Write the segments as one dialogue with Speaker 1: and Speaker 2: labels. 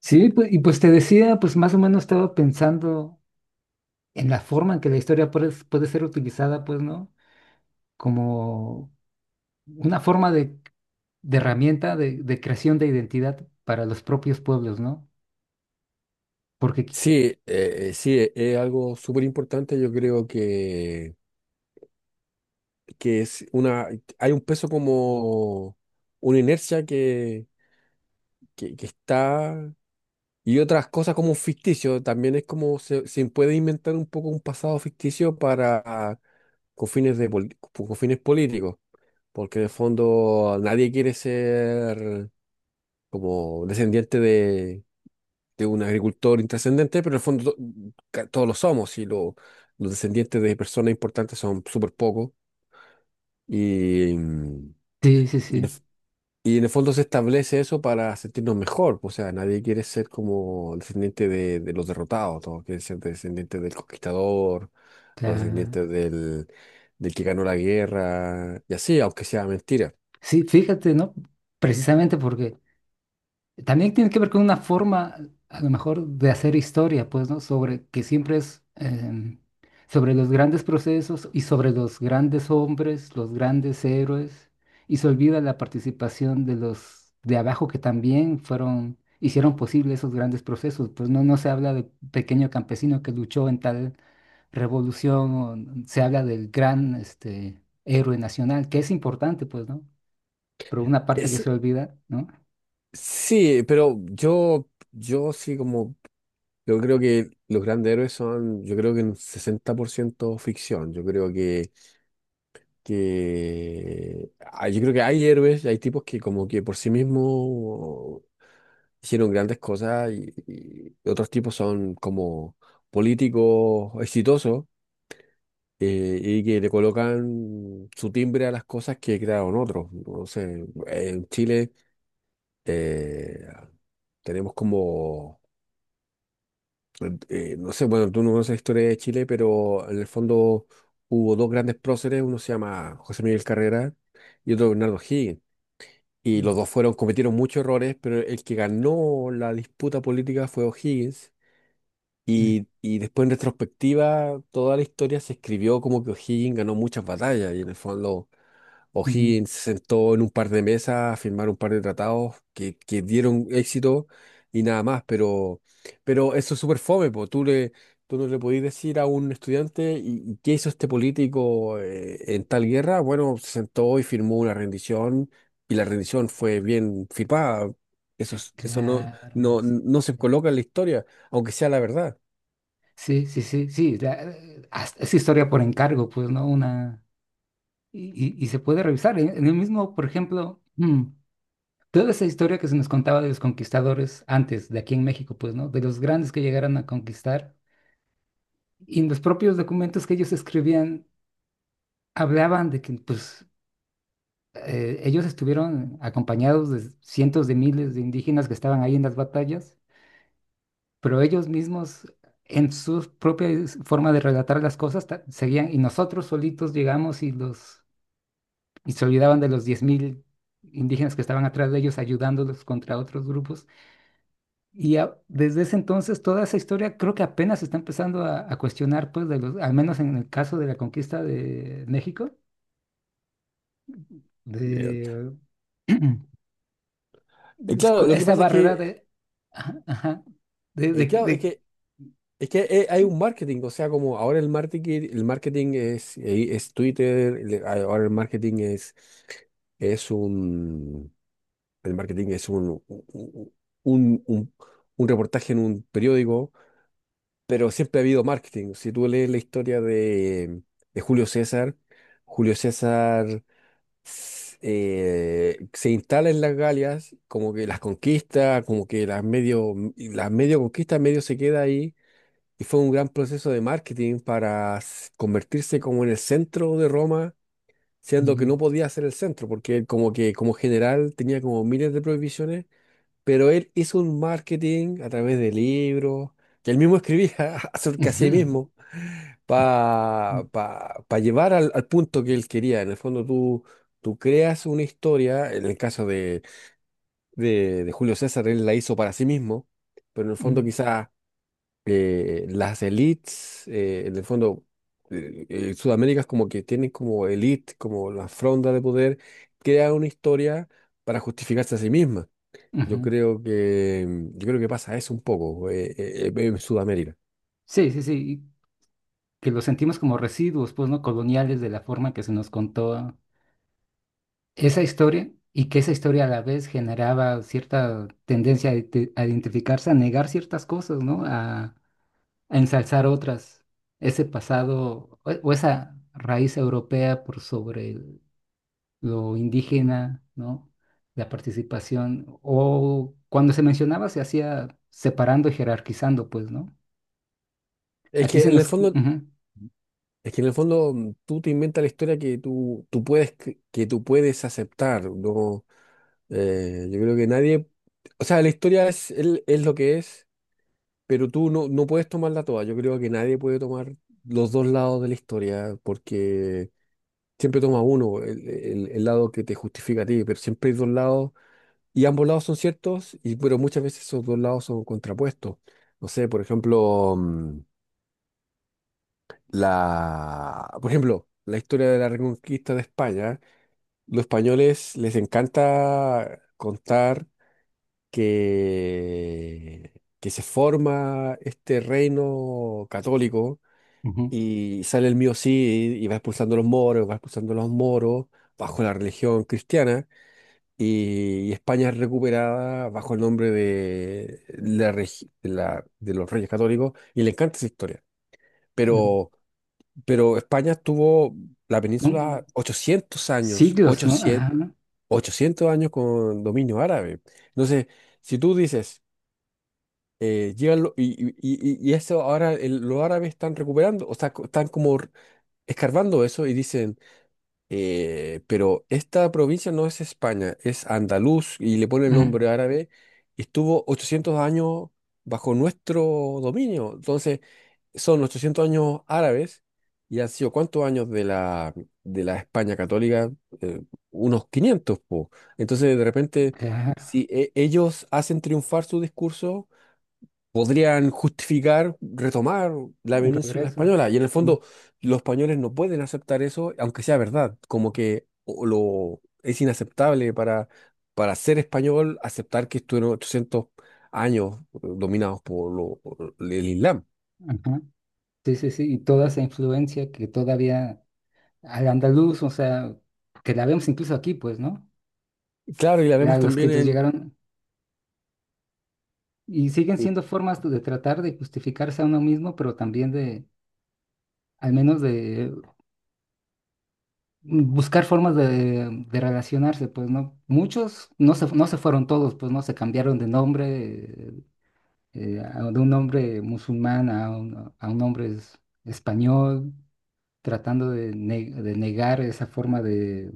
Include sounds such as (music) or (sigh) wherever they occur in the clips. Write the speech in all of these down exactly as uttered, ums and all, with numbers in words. Speaker 1: Sí, pues, y pues te decía, pues más o menos estaba pensando en la forma en que la historia puede, puede ser utilizada, pues, ¿no? Como una forma de, de herramienta de, de creación de identidad para los propios pueblos, ¿no? Porque, qui-
Speaker 2: Sí, eh, eh, sí, e- es algo súper importante. Yo creo que, que es una, hay un peso como una inercia que, que, que está y otras cosas como un ficticio. También es como se, se puede inventar un poco un pasado ficticio para con fines de pol- con fines políticos, porque en el fondo nadie quiere ser como descendiente de, de un agricultor intrascendente, pero en el fondo to- ca- todos lo somos y lo- los descendientes de personas importantes son súper pocos. Y, mm,
Speaker 1: sí, sí,
Speaker 2: y, en el
Speaker 1: sí.
Speaker 2: f- y en el fondo se establece eso para sentirnos mejor. pues, O sea, nadie quiere ser como descendiente de, de los derrotados, todos quieren ser descendientes del conquistador,
Speaker 1: O sea,
Speaker 2: los descendientes del, del que ganó la guerra, y así, aunque sea mentira.
Speaker 1: sí, fíjate, ¿no? Precisamente porque también tiene que ver con una forma, a lo mejor, de hacer historia, pues, ¿no? Sobre que siempre es em, sobre los grandes procesos y sobre los grandes hombres, los grandes héroes, y se olvida la participación de los de abajo que también fueron, hicieron posible esos grandes procesos. Pues no, no se habla del pequeño campesino que luchó en tal revolución, o n- se habla del gran, este, héroe nacional, que es importante, pues, ¿no? Pero una parte que se olvida, ¿no?
Speaker 2: Sí, pero yo, yo sí como, yo creo que los grandes héroes son, yo creo que un sesenta por ciento ficción, yo creo que, que, ah, yo creo que hay héroes, hay tipos que como que por sí mismos hicieron grandes cosas y, y otros tipos son como políticos exitosos eh, y que le colocan su timbre a las cosas que crearon otros. No sé, en Chile eh, tenemos como... eh, no sé, bueno, tú no conoces la historia de Chile, pero en el fondo hubo dos grandes próceres, uno se llama José Miguel Carrera y otro Bernardo O'Higgins. Y
Speaker 1: Mm,
Speaker 2: los dos fueron, cometieron muchos errores, pero el que ganó la disputa política fue O'Higgins.
Speaker 1: mm,
Speaker 2: Y, y después en retrospectiva, toda la historia se escribió como que O'Higgins ganó muchas batallas y en el fondo.
Speaker 1: ujú.
Speaker 2: O'Higgins se sentó en un par de mesas a firmar un par de tratados que, que dieron éxito y nada más, pero, pero eso es súper fome, po. Tú le, tú no le podías decir a un estudiante, ¿y y qué hizo este político eh, en tal guerra? Bueno, se sentó y firmó una rendición y la rendición fue bien firmada. Eso, es- eso no,
Speaker 1: Claro,
Speaker 2: no, no se coloca en la historia, aunque sea la verdad.
Speaker 1: sí, sí, sí, sí, sí, sí, sí, la- eh, hasta es historia por encargo, pues, ¿no? Una, y, y- y- se puede revisar. En, en el mismo, por ejemplo, mm, toda esa historia que se nos contaba de los conquistadores antes, de aquí en México, pues, ¿no? De los grandes que llegaron a conquistar. Y en los propios documentos que ellos escribían, hablaban de que, pues, eh, ellos estuvieron acompañados de cientos de miles de indígenas que estaban ahí en las batallas, pero ellos mismos en su propia forma de relatar las cosas ta- seguían y nosotros solitos llegamos y los y se olvidaban de los diez mil indígenas que estaban atrás de ellos ayudándolos contra otros grupos. Y a- desde ese entonces toda esa historia creo que apenas se está empezando a, a cuestionar, pues, de los, al menos en el caso de la conquista de México,
Speaker 2: Eh,
Speaker 1: de, (clears throat) es
Speaker 2: claro,
Speaker 1: cu-
Speaker 2: lo que
Speaker 1: esa
Speaker 2: pasa es
Speaker 1: barrera
Speaker 2: que,
Speaker 1: de, ajá, ajá, de, de,
Speaker 2: eh, claro, es
Speaker 1: de-
Speaker 2: que es que eh, hay un marketing, o sea, como ahora el marketing, el marketing es, eh, es Twitter, le- ah, ahora el marketing es, es un, el marketing es un, un, un, un- un reportaje en un periódico, pero siempre ha habido marketing. Si tú lees la historia de, de Julio César, Julio César s- eh, se instala en las Galias, como que las conquista, como que las medio, las medio conquista, medio se queda ahí y fue un gran proceso de marketing para s- convertirse como en el centro de Roma, siendo que
Speaker 1: mm,
Speaker 2: no podía ser el centro, porque él como que como general tenía como miles de prohibiciones, pero él hizo un marketing a través de libros, que él mismo escribía (laughs) acerca de sí
Speaker 1: ujú,
Speaker 2: mismo,
Speaker 1: mm,
Speaker 2: para llevar al, al punto que él quería. En el fondo tú, tú creas una historia, en el caso de, de, de Julio César, él la hizo para sí mismo, pero en el
Speaker 1: mm,
Speaker 2: fondo quizás eh, las elites, eh, en el fondo, eh, eh, Sudamérica es como que tienen como elite, como la fronda de poder, crea una historia para justificarse a sí misma.
Speaker 1: ujú.
Speaker 2: Yo creo que, mm, yo creo que pasa eso un poco eh, eh, eh, en Sudamérica.
Speaker 1: Sí, sí, sí, que lo sentimos como residuos, pues, ¿no? Coloniales de la forma que se nos contó esa historia y que esa historia a la vez generaba cierta tendencia a, ide- a identificarse, a negar ciertas cosas, ¿no? A, a ensalzar otras. Ese pasado o, o esa raíz europea por sobre el- lo indígena, ¿no? La participación. O cuando se mencionaba se hacía separando y jerarquizando, pues, ¿no?
Speaker 2: Es
Speaker 1: Aquí
Speaker 2: que
Speaker 1: se
Speaker 2: en el
Speaker 1: nos...
Speaker 2: fondo,
Speaker 1: ujú.
Speaker 2: es que en el fondo mm, tú te inventas la historia que tú, tú puedes, que, que tú puedes aceptar, ¿no? Eh, yo creo que nadie, o sea, la historia es, el es lo que es. Pero tú no, no puedes tomarla toda. Yo creo que nadie puede tomar los dos lados de la historia porque siempre toma uno, el, el- el lado que te justifica a ti, pero siempre hay dos lados y ambos lados son ciertos, y, pero muchas veces esos dos lados son contrapuestos. No sé, por ejemplo, mm, la, por ejemplo, la historia de la Reconquista de España. Los españoles les encanta contar que, que se forma este reino católico.
Speaker 1: Ujú.
Speaker 2: Y sale el mío sí y y va expulsando a los moros, va expulsando a los moros bajo la religión cristiana. Y, y España es recuperada bajo el nombre de, la, regi- de, la- de los Reyes Católicos. Y le encanta esa historia.
Speaker 1: Ujú.
Speaker 2: Pero, pero España tuvo la península
Speaker 1: Son-
Speaker 2: ochocientos años,
Speaker 1: Siglos, ¿no?
Speaker 2: ochocientos,
Speaker 1: Ajá,
Speaker 2: ochocientos años con dominio árabe. Entonces, si tú dices, eh, llegan lo- y, y, y- y eso ahora el- los árabes están recuperando, o sea, co- están como escarbando eso y dicen, eh, pero esta provincia no es España, es Andaluz y le ponen el
Speaker 1: mm,
Speaker 2: nombre árabe y estuvo ochocientos años bajo nuestro dominio. Entonces, son ochocientos años árabes y han sido cuántos años de la, de la España católica. Eh, Unos quinientos, po. Entonces, de repente,
Speaker 1: claro,
Speaker 2: si e- ellos hacen triunfar su discurso, podrían justificar retomar la
Speaker 1: un
Speaker 2: península
Speaker 1: regreso.
Speaker 2: española. Y en el
Speaker 1: Mm,
Speaker 2: fondo, los españoles no pueden aceptar eso, aunque sea verdad. Como que o- lo, es inaceptable para, para ser español aceptar que estuvieron ochocientos años eh, dominados por, lo- por el Islam.
Speaker 1: ajá. Sí, sí, sí, y toda esa influencia que todavía al andaluz, o sea, que la vemos incluso aquí, pues, ¿no?
Speaker 2: Claro, y la
Speaker 1: La-
Speaker 2: vemos
Speaker 1: los que
Speaker 2: también
Speaker 1: ellos
Speaker 2: en...
Speaker 1: llegaron y siguen
Speaker 2: y,
Speaker 1: siendo formas de tratar de justificarse a uno mismo, pero también de, al menos de mm, buscar formas de, de relacionarse, pues, ¿no? Muchos no se, no se fueron todos, pues, ¿no? Se cambiaron de nombre, eh, a- de un hombre musulmán a un, a un hombre es- español, tratando de, ne- de negar esa forma de...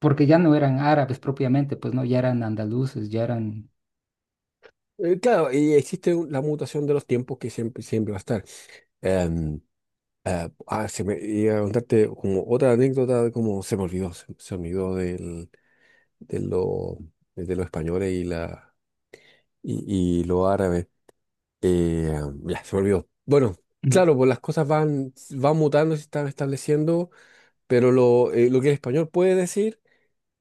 Speaker 1: Porque ya no eran árabes propiamente, pues no, ya eran andaluces, ya eran.
Speaker 2: eh, claro, y existe un- la mutación de los tiempos que siempre, siempre va a estar. Em, eh, ah, Se me iba a contarte como otra anécdota, como se me olvidó, se, se me olvidó del... de lo, de los españoles y, la, y, y los árabes. Eh, ya, se me olvidó. Bueno,
Speaker 1: Mm.
Speaker 2: claro, pues las cosas van, van mutando, se están estableciendo, pero lo, eh, lo que el español puede decir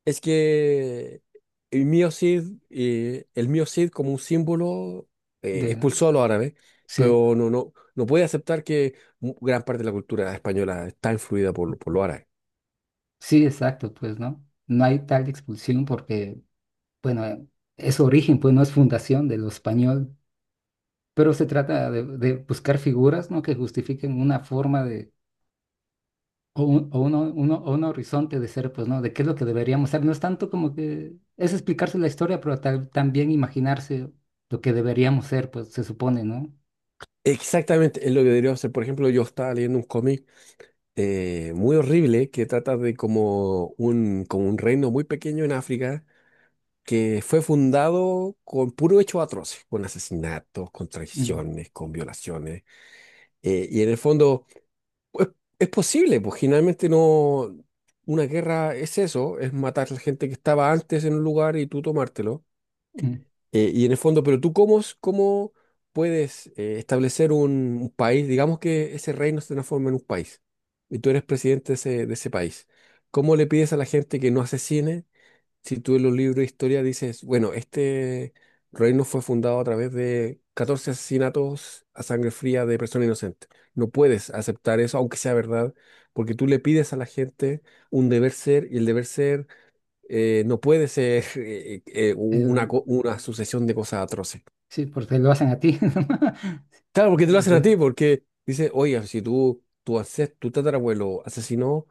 Speaker 2: es que el mío Cid, eh, el mío Cid como un símbolo eh,
Speaker 1: De...
Speaker 2: expulsó a los árabes,
Speaker 1: Sí,
Speaker 2: pero no, no, no puede aceptar que mu- gran parte de la cultura española está influida por, por los árabes.
Speaker 1: sí, exacto, pues no. No hay tal expulsión porque, bueno, es origen, pues no es fundación de lo español. Pero se trata de, de buscar figuras, ¿no?, que justifiquen una forma de o un, o uno- uno- o un horizonte de ser, pues, ¿no? De qué es lo que deberíamos ser. No es tanto como que es explicarse la historia, pero ta- también imaginarse lo que deberíamos ser, pues se supone, ¿no?
Speaker 2: Exactamente, es lo que debería hacer. Por ejemplo, yo estaba leyendo un cómic eh, muy horrible que trata de como un, como un reino muy pequeño en África que fue fundado con puro hecho atroces, con asesinatos, con
Speaker 1: Mm,
Speaker 2: traiciones, con violaciones. Eh, y en el fondo, pues es posible, pues generalmente no, una guerra es eso, es matar a la gente que estaba antes en un lugar y tú tomártelo.
Speaker 1: mm.
Speaker 2: Eh, y en el fondo, pero tú cómo, es- cómo puedes eh, establecer un, un país, digamos que ese reino se transforma en un país y tú eres presidente de ese, de ese país. ¿Cómo le pides a la gente que no asesine si tú en los libros de historia dices, bueno, este reino fue fundado a través de catorce asesinatos a sangre fría de personas inocentes? No puedes aceptar eso, aunque sea verdad, porque tú le pides a la gente un deber ser y el deber ser eh, no puede ser eh, eh,
Speaker 1: Eh,
Speaker 2: una, co- una sucesión de cosas atroces.
Speaker 1: sí, porque lo hacen a ti. (laughs)
Speaker 2: Claro, porque te lo
Speaker 1: Es
Speaker 2: hacen a
Speaker 1: bueno.
Speaker 2: ti, porque dice, oiga, si tú, tu, ances- tu tatarabuelo asesinó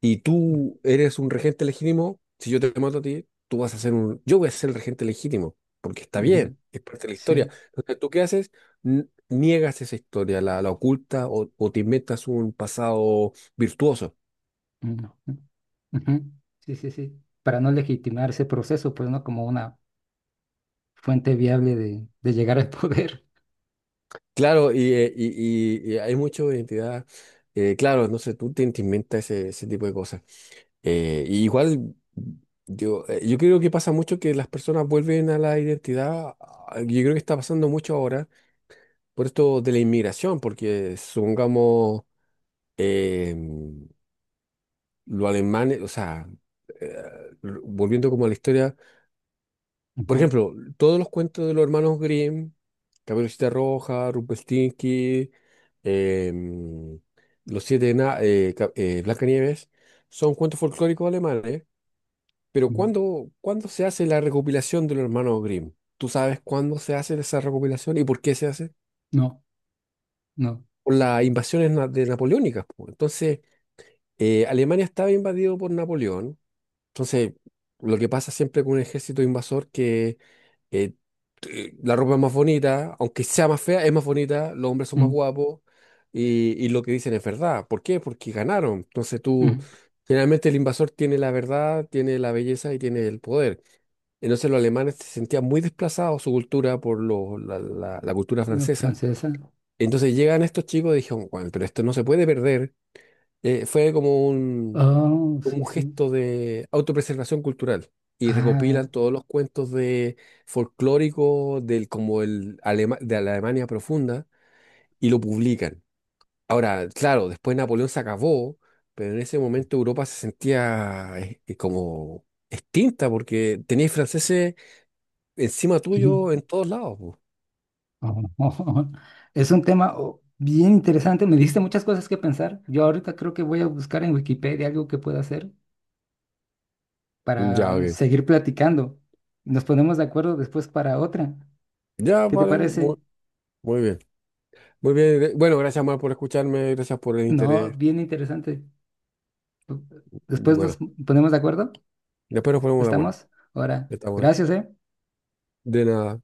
Speaker 2: y tú eres un regente legítimo, si yo te mato a ti, tú vas a ser un, yo voy a ser el regente legítimo, porque está bien,
Speaker 1: Ujú,
Speaker 2: es parte de la historia.
Speaker 1: sí.
Speaker 2: Entonces, ¿tú qué haces? N- Niegas esa historia, la, la oculta o, o te inventas un pasado virtuoso.
Speaker 1: Ujú, ujú, sí, sí, sí. Para no legitimar ese proceso, pues, ¿no? Como una fuente viable de, de llegar al poder.
Speaker 2: Claro, y, eh, y- y- y hay mucho de identidad. Eh, claro, no sé, tú te, te inventas ese, ese tipo de cosas. Eh, y igual, yo, eh, yo creo que pasa mucho que las personas vuelven a la identidad. ah, Yo creo que está pasando mucho ahora por esto de la inmigración, porque supongamos eh, los alemanes, o sea, eh, r- volviendo como a la historia. Por
Speaker 1: Ujú,
Speaker 2: ejemplo, todos los cuentos de los hermanos Grimm, Caperucita Roja, Rumpelstiltskin, em, Los Siete Ena- eh, Ca- eh, Blancanieves, son cuentos folclóricos alemanes. Pero
Speaker 1: ujú.
Speaker 2: ¿cuándo, cuándo se hace la recopilación de los hermanos Grimm? ¿Tú sabes cuándo se hace esa recopilación y por qué se hace?
Speaker 1: No, no.
Speaker 2: Por las invasiones na- de napoleónicas, po. Entonces, eh, Alemania estaba invadido por Napoleón. Entonces, lo que pasa siempre con un ejército invasor que eh, eh, la ropa es más bonita, aunque sea más fea, es más bonita, los hombres son más
Speaker 1: Mm,
Speaker 2: guapos y, y lo que dicen es verdad. ¿Por qué? Porque ganaron. Entonces tú,
Speaker 1: mm.
Speaker 2: generalmente el invasor tiene la verdad, tiene la belleza y tiene el poder. Entonces los alemanes se sentían muy desplazados su cultura por lo- la, la- la cultura
Speaker 1: No,
Speaker 2: francesa.
Speaker 1: francesa.
Speaker 2: Entonces llegan estos chicos y dijeron, bueno, pero esto no se puede perder. Eh, fue como
Speaker 1: Oh,
Speaker 2: como
Speaker 1: sí,
Speaker 2: un
Speaker 1: sí.
Speaker 2: gesto de autopreservación cultural y
Speaker 1: Ah,
Speaker 2: recopilan todos los cuentos de folclóricos del como el Alema- de la Alemania profunda y lo publican. Ahora, claro, después Napoleón se acabó, pero en ese momento Europa se sentía eh, eh, como extinta porque teníais franceses encima
Speaker 1: mm,
Speaker 2: tuyo en todos lados, po.
Speaker 1: oh. (laughs) Es un tema oh, bien interesante. Me diste muchas cosas que pensar. Yo ahorita creo que voy a buscar en Wikipedia algo que pueda hacer
Speaker 2: Ya,
Speaker 1: para
Speaker 2: ok.
Speaker 1: seguir platicando. Nos ponemos de acuerdo después para otra.
Speaker 2: Ya,
Speaker 1: ¿Qué te
Speaker 2: vale, muy,
Speaker 1: parece?
Speaker 2: muy bien. Muy bien, eh, bueno, gracias más por escucharme, gracias por el
Speaker 1: No,
Speaker 2: interés.
Speaker 1: bien interesante. Después nos
Speaker 2: Bueno,
Speaker 1: ponemos de acuerdo.
Speaker 2: después nos ponemos de acuerdo.
Speaker 1: ¿Estamos? Ahora,
Speaker 2: Estamos.
Speaker 1: gracias, ¿eh?
Speaker 2: De nada.